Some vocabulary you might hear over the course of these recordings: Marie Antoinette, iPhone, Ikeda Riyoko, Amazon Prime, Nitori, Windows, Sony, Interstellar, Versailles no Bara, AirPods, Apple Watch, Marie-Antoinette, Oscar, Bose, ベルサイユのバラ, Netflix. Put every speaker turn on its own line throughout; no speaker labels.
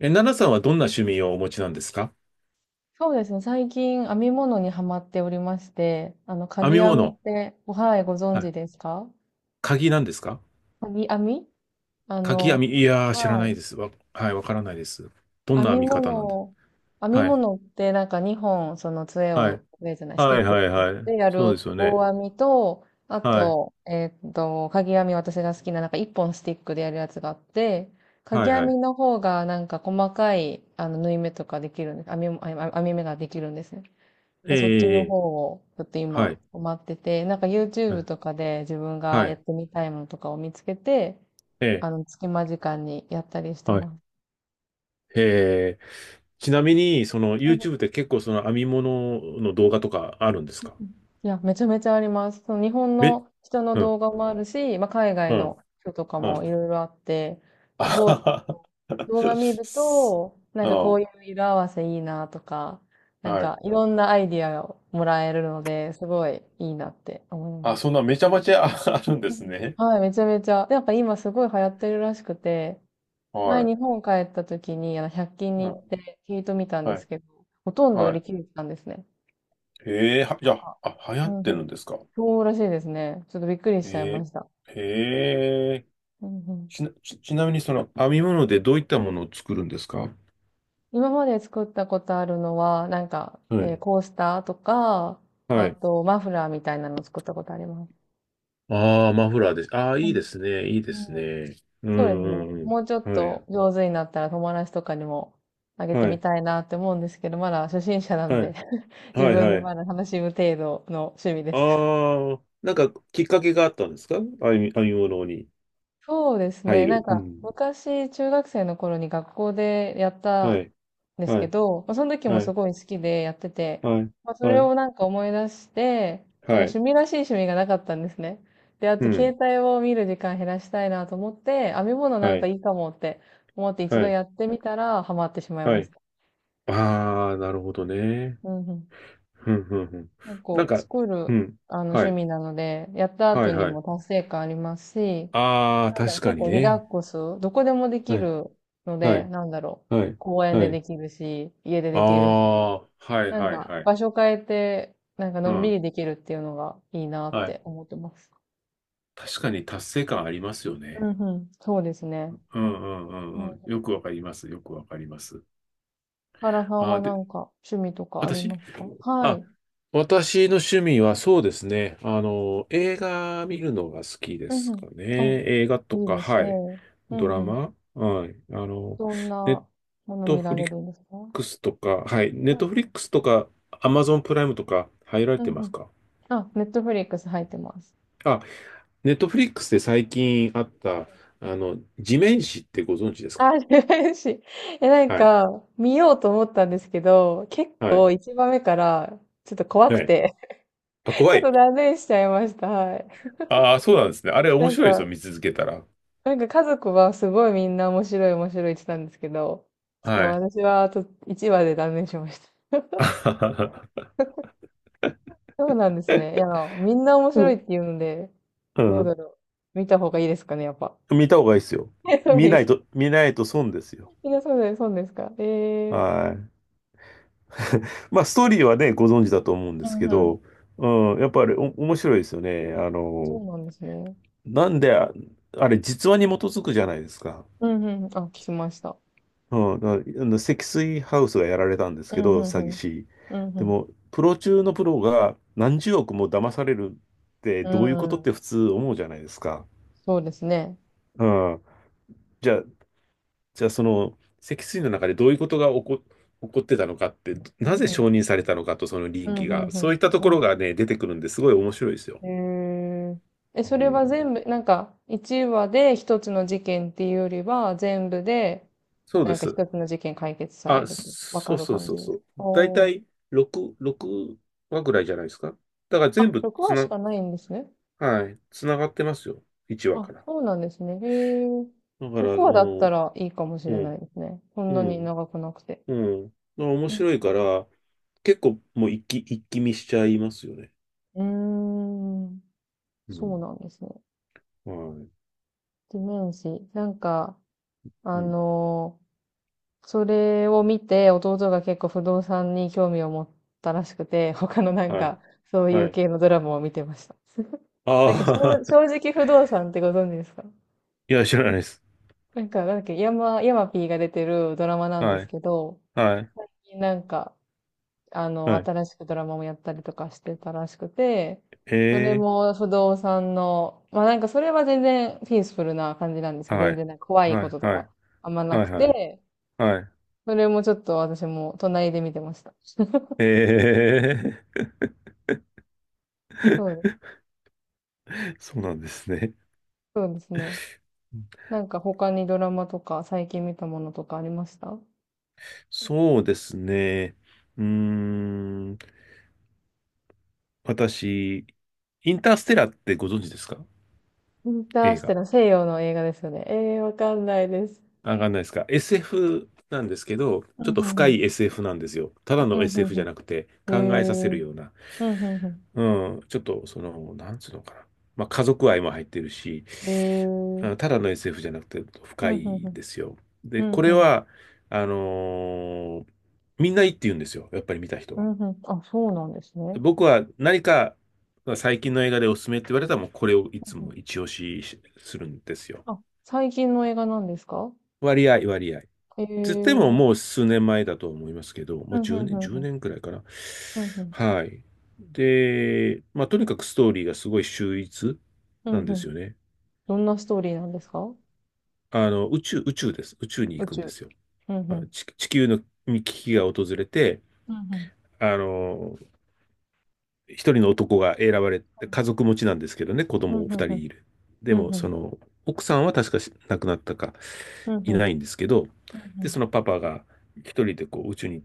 え、奈々さんはどんな趣味をお持ちなんですか？
そうですね、最近編み物にはまっておりまして、か
編
ぎ
み
編みっ
物。
て、はい、ご存
は
知
い。
ですか？
鍵なんですか？
かぎ編み。あ
鍵編
の、
み。いやー、知ら
は
ない
い。
です。はい、わからないです。どん
編
な編
み
み方なんで
物
す？
を、編み
はい。
物ってなんか2本、その杖
はい。
を、杖じゃない、ステ
はい、
ィック
はい、
使っ
はい。
てや
そう
る
ですよね。
棒編みと、あ
はい。
と、かぎ編み私が好きな、なんか1本スティックでやるやつがあって、か
は
ぎ
い、
編
はい。
みの方がなんか細かい、縫い目とかできるんです。編み目ができるんですね。
え
で、そっち
え、
の
ええ、
方をちょっと
は
今
い。
待ってて、なんか
は
YouTube
い。
とかで自分が
は
やっ
い。
てみたいものとかを見つけて、
ええ、
隙間時間にやったりして
はい。
ます。
ええ、ちなみに、その
うんう
YouTube っ
ん
て結構その編み物の動画とかあるんです
う
か？
ん。いや、めちゃめちゃあります。その日本
め、
の人の
うん、
動画もあるし、まあ、海外
う
の
ん、
人とか
う
もい
ん。
ろいろあって、
あ
すごい
ははは。
動画見ると、なんかこうい う色合わせいいなとか、
あ
な
あ、
ん
はい。
かいろんなアイディアをもらえるので、すごいいいなって思い
あ、
ま
そん
す。
なめちゃめちゃあ あるんで
う
す
ん
ね。
はい、めちゃめちゃ。でやっぱ今すごい流行ってるらしくて、前
は
日本帰った時に100均
い。
に行
あ、
って聞いてみたんで
は
す
い。
けど、ほとんど売
は
り
い。
切れてたんですね。
ええは、じ
な
ゃ
んか、
あ、あ、流行
う
っ
んう
てる
ん。
んですか？
そうらしいですね。ちょっとびっくりしちゃいま
え
した。
えええ
うんうん、
ちなみにその編み物でどういったものを作るんですか？
今まで作ったことあるのは、なんか、
はい。
コースターとか、
は
あ
い。
とマフラーみたいなのを作ったことあります。
ああ、マフラーです。ああ、
う
いいで
ん。
すね。いい
う
です
ん。
ね。う
そうです
ん
ね。
うん
もうちょっ
うん。は
と
い。
上手になったら友達とかにもあげて
は
み
い。
たいなって思うんですけど、まだ初心者なん
は
で
い。
自
はい。
分で
はい。
まだ楽しむ程度の趣味です。
ああ、なんかきっかけがあったんですか？編み物に
そうです
入
ね。なん
る。う
か、
ん。
昔、中学生の頃に学校でやった
は
ん
い。
です
は
け
い。
ど、まあ、その時も
は
す
い。
ごい好きでやってて、
はい。
まあ、そ
は
れ
い。
をなんか思い出して、な
は
んか趣
い。
味らしい趣味がなかったんですね。で、あ
う
と携
ん。
帯を見る時間減らしたいなと思って、編み物なん
は
か
い。
いいかもって思って一
は
度
い。
やってみたらハマってしまい
は
まし
い。
た。
ああ、なるほどね。
うんうん。
ふんふんふん。
結
なん
構
か、
作
う
る、
ん。は
趣
い。
味なので、やった
は
後
い、
に
はい。
も達成感ありますし、
ああ、
なんだろう、
確か
結
に
構リラッ
ね。
クス、どこでもでき
はい。
るの
は
で、
い。
なんだろう、
はい。
公園
は
で
い。
できるし、家で
あ
できるし、
あ、はい、
なん
はい、
か
はい。
場所変えて、なんか
う
のんび
ん。
りできるっていうのがいいなっ
はい。
て思ってます。
確かに達成感ありますよ
うん
ね。
うん、そうです
う
ね。
ん、うん、う
う
ん、う
ん。
ん。よくわかります。よくわかります。
原さん
あ
は
あ、
なんか趣味とかあり
私
ますか？は
あ
い。
私の趣味はそうですね。あの、映画見るのが好きで
うん
す
うん。
かね。映画
う
と
ん。いい
か、
です
は
ね。
い。
う
ド
ん
ラ
うん。
マはい。あの、
どん
ネ
な
ッ
もの
ト
見
フ
ら
リ
れ
ッ
るんですか？
クスとか、はい。ネ
う
ッ
ん
トフリックスとか、アマゾンプライムとか入られ
うん
て
う
ます
ん。
か？
あ、ネットフリックス入ってます。
あ、ネットフリックスで最近あった、あの、地面師ってご存知ですか？
あ、嬉しい。え、なん
はい。
か、見ようと思ったんですけど、結
はい。
構一番目から、ちょっと怖く
はい。
て
あ、
ち
怖
ょっ
い。
と断念しちゃいました。はい。
ああ、そうなんですね。あれ
な
面
ん
白いですよ、
か、
見続けたら。
なんか家族はすごいみんな面白い面白いって言ってたんですけど、ちょっと
はい。
私はあと1話で断念しました。そうなんですね。いや、みんな面
う
白いっ
ん。
て言うので、
う
どうだ
ん、
ろう。見た方がいいですかね、やっぱ。
見た方がいいですよ。
え、そう
見
で
な
す
い
か。
と、見ないと損ですよ。
みんなそうです、そうですか。ええー。
はい。まあ、ストーリーはね、ご存知だと思うんで
う
す
ん
け
うん。
ど、うん、やっぱりお面白いですよね。あ
そ
の、
うなんですね。
なんで、あれ、実話に基づくじゃないですか。
うんうんうん、あ、聞きました。
うん、だからあの積水ハウスがやられたんです
う
け
ん、う
ど、
んう
詐欺
ん。
師。
う
で
ん、ん。
も、プロ中のプロが何十億も騙されるって
う
どういうこ
んう
とって
ん。
普通思うじゃないですか。
そうですね。
うん。じゃあ、じゃあ、その、脊椎の中でどういうことが起こ、起こってたのかって、
うん、
なぜ
うん。
承認されたのかと、その
う
倫
ん、
理
う
が。そうい
ん
ったところが
う
ね、出てくるんですごい面白いですよ。
ん、へえ。え、そ
う
れは
ん。
全部、なんか、1話で1つの事件っていうよりは、全部で、
そう
な
で
んか
す。
1つの事件解決され
あ、
ると、わ
そ
か
う
る
そう
感
そ
じ
う
で
そ
すか？
う。だいた
お
い
ー。
6話ぐらいじゃないですか。だから
あ、
全部
6
つ
話し
な、
かないんですね。
はい、つながってますよ。1話
あ、
から。
そうなんですね。へえ。
だから、あ
6話だった
の、
らいいかもし
う
れない
ん、
ですね。そん
う
なに
ん、
長くなくて。
うん。まあ面
うん。
白いから、結構もう一気、一気見しちゃいますよね。
うーん。
う
そう
ん。
なんですね。
はい。
地面師。なんか、
う
あ
ん。
のーそれを見て、弟が結構不動産に興味を持ったらしくて、他のなん
はい。
か、そうい
は
う
い。
系のドラマを見てました。なんか、
ああ、
正直不動産ってご存知ですか？
いや、知らないです。
なんか、なんだっけ、ヤマピーが出てるドラマなんで
は
す
い、
けど、
はい、
最近なんか、
はい。
新しくドラマもやったりとかしてたらしくて、それ
え
も不動産の、まあなんかそれは全然ピースフルな感じなんですけど、
は
全
い、
然なんか怖い
は
こ
い、
とと
はい、
かあんまな
は
く
い、はい、
て、
はい。
それもちょっと私も隣で見てました。
え
そうで
ー、
す。
そうなんですね。
そうですね。なんか他にドラマとか最近見たものとかありました？
そうですね。うーん、私、インターステラーってご存知ですか？
インター
映
ステ
画。
ラー西洋の映画ですよね。ええー、わかんないです。
あ、わかんないですか？ SF なんですけど、
う
ち
ん
ょっ
う
と
んう
深
ん。
い SF なんですよ。ただ
う
の
んう
SF じゃな
ん
くて、
うん。ええ
考えさせる
ー。
ような。
うんうんうん。
うん、ちょっと、その、なんつうのかな。まあ、家族愛も入ってるし、
ええー。
ただの SF じゃなくて
う
深
んうん
い
う
んで
ん。
すよ。
う
で、こ
ん
れ
うん。
は、あのーみんないいって言うんですよ。やっぱり見た人
う
は。
んうん。あ、そうなんですね。
僕は何か最近の映画でおすすめって言われたらもうこれをい
う
つ
んう
も
ん、
一押しするんですよ。
あ、最近の映画なんですか？
割合、割合。
ええ
つっても
ー。
もう数年前だと思いますけど、
う
ま
ん
あ10
うんう
年、1
んうん。
年くらいかな。
うんうん。
はい。で、まあとにかくストーリーがすごい秀逸
うん
なん
う
です
ん。
よね。
どんなストーリーなんですか？
あの、宇宙です。宇宙に
宇
行くんで
宙。
すよ。
うんうん。
地球のに危機が訪れて、
うんうん
あの、一人の男が選ばれて、家族持ちなんですけどね、子
うん
供二
う
人
ん
いる。で
う
も、
んう
そ
ん
の、奥さんは確かし亡くなったか
うんうん
い
う
な
ん
いんですけど、で、そのパパが一人でこう宇宙に行っ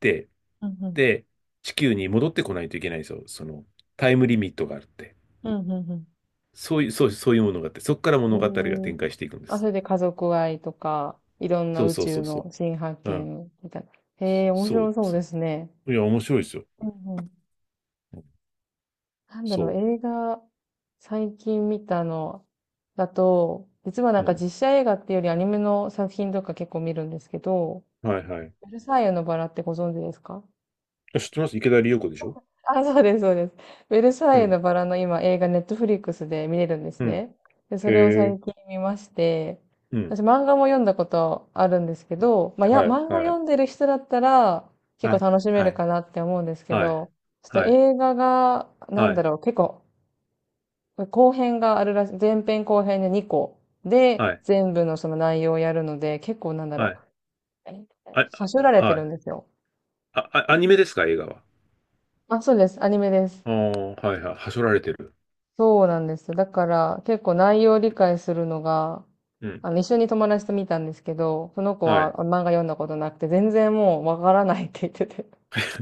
て、
うんうんうん
で、地球に戻ってこないといけないんですよ。その、タイムリミットがあるって。
うんうん。
そういう、そう、そういうものがあって、そこから
え
物語が
え。
展開していくんで
あ、そ
す。
れで家族愛とか、いろんな
そう
宇
そうそ
宙
うそ
の新発
う。うん。
見みたいな。へえ、面
そ
白
う、
そう
そ
ですね。
う。いや、面白いですよ。
うんうん。
うん、
なんだろう、
そ
映画、最近見たのだと、実はな
う。
ん
う
か
ん。
実写映画っていうよりアニメの作品とか結構見るんですけど、
はいはい。
ベルサイユのバラってご存知ですか？
あ、知ってます。池田理代子でしょ？
あ、そうです、そうです。ベルサ
う
イユ
ん。
のバラの今映画ネットフリックスで見れるんです
うん。
ね。で、そ
へ
れを最
え。
近見まして、
うん。
私漫画も読んだことあるんですけど、まあ、
はい、
漫画
は
読
い。
んでる人だったら結
は
構
い、
楽しめ
は
る
い、
かなって思うんですけ
はい、
ど、ちょっと映画が、な
は
んだ
い、
ろう、結構、後編があるらしい、前編後編で2個
は
で
い、
全部のその内容をやるので、結構なんだ
は
ろ
い、
う、えー
はい。
さ
あ、
しょられ
あ
て
は
る
い。
んですよ。
あ、あ、アニメですか？映画は。
あ、そうです。アニメです。
ああ、はいはい。はしょられてる。
そうなんですよ。だから結構内容を理解するのが、
うん。
一緒に友達と見たんですけど、その子
は
は
い。
漫画読んだことなくて、全然もうわからないって言ってて。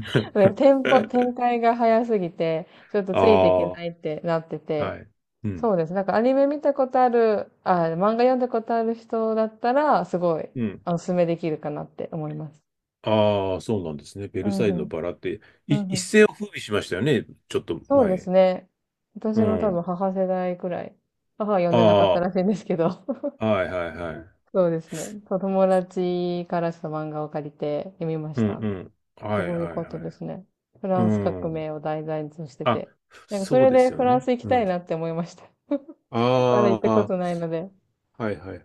でテンポ、展 開が早すぎて、ちょっとついていけな
あ
いってなって
あ、
て。
はい。うん。
そうです。なんかアニメ見たことある、漫画読んだことある人だったら、すごい、
うん。
おすすめできるかなって思います。
ああ、そうなんですね。ベ
う
ル
ん
サイ
う
ユの
ん。
バラって、
うんう
一
ん。
世を風靡しましたよね。ちょっと
そうです
前。
ね。私
う
の多分
ん。
母世代くらい。母は読んでなかった
あ
らしいんですけど。
あ、はいはいはい。
そうですね。そう、友達からちょっと漫画を借りて読みま
う
し
ん
た。
うん。
す
はい
ごい良
は
か
い
っ
は
た
い。
ですね。フ
う
ランス革
ん。
命を題材として
あ、
て。なんかそ
そう
れ
で
で
すよ
フラン
ね。
ス行き
う
た
ん。
いなって思いました。まだ行っ
あ
たこ
あ、
とないので。
はいはい。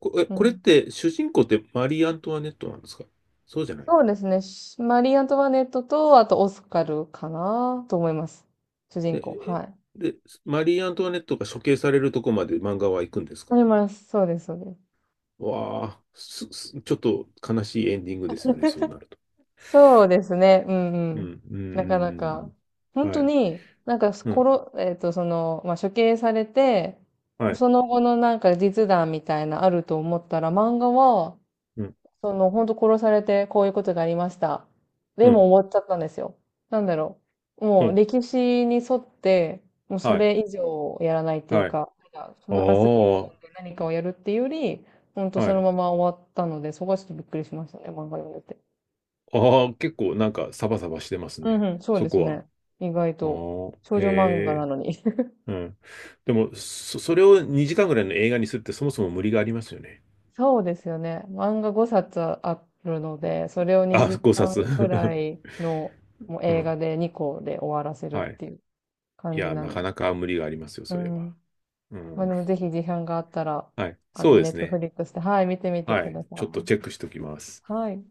う
これっ
ん。
て主人公ってマリー・アントワネットなんですか？そうじゃない。
そうですね。マリー・アントワネットと、あとオスカルかなと思います。主人
で、
公。
え
はい。
で、マリー・アントワネットが処刑されるとこまで漫画は行くんですか？
あります。そうです、そうです。
わあ、ちょっと悲しいエンディングですよね、そうなると。
そうですね。うんう
うん、う
ん。
ん、うん、
なかな
うん
か。
う
本
ん。は
当
い、
に、なんか、
う
こ
ん、
ろ、えっと、その、まあ、処刑されて、
はい、
その後のなんか実弾みたいなあると思ったら、漫画は、
うん、
その、本当殺されてこういうことがありました。
う
で
ん、
も終わっちゃったんですよ。なんだろう。
う
もう
ん、
歴史に沿って、もうそ
はい、
れ以上やらないっていう
はい。あ
か、なんかフランスフィクシ
あ、
ョンで何かをやるっていうより、本当
は
その
い。
まま終わったので、そこはちょっとびっくりしましたね、漫画読んでて。
ああ、結構なんかサバサバしてます
うん
ね、
うん、そう
そ
です
こは。
ね。意外と。
ああ、
少
へ
女漫画な
え、
のに。
うん。でも、それを2時間ぐらいの映画にするってそもそも無理がありますよね。
そうですよね。漫画5冊あるので、それを
あ、
2
5
時
冊。
間くらい のもう
う
映
ん、
画で2個で終わらせるっ
はい。
ていう
い
感じ
や、
な
な
の
か
で。
なか無理がありますよ、
う
それは。
ん。
う
まあ
ん、
でもぜひ時間があったら、
はい。そうで
ネッ
す
トフ
ね。
リックスで、はい、見てみて
は
くだ
い。
さ
ちょっと
い。
チェックしておきます。
はい。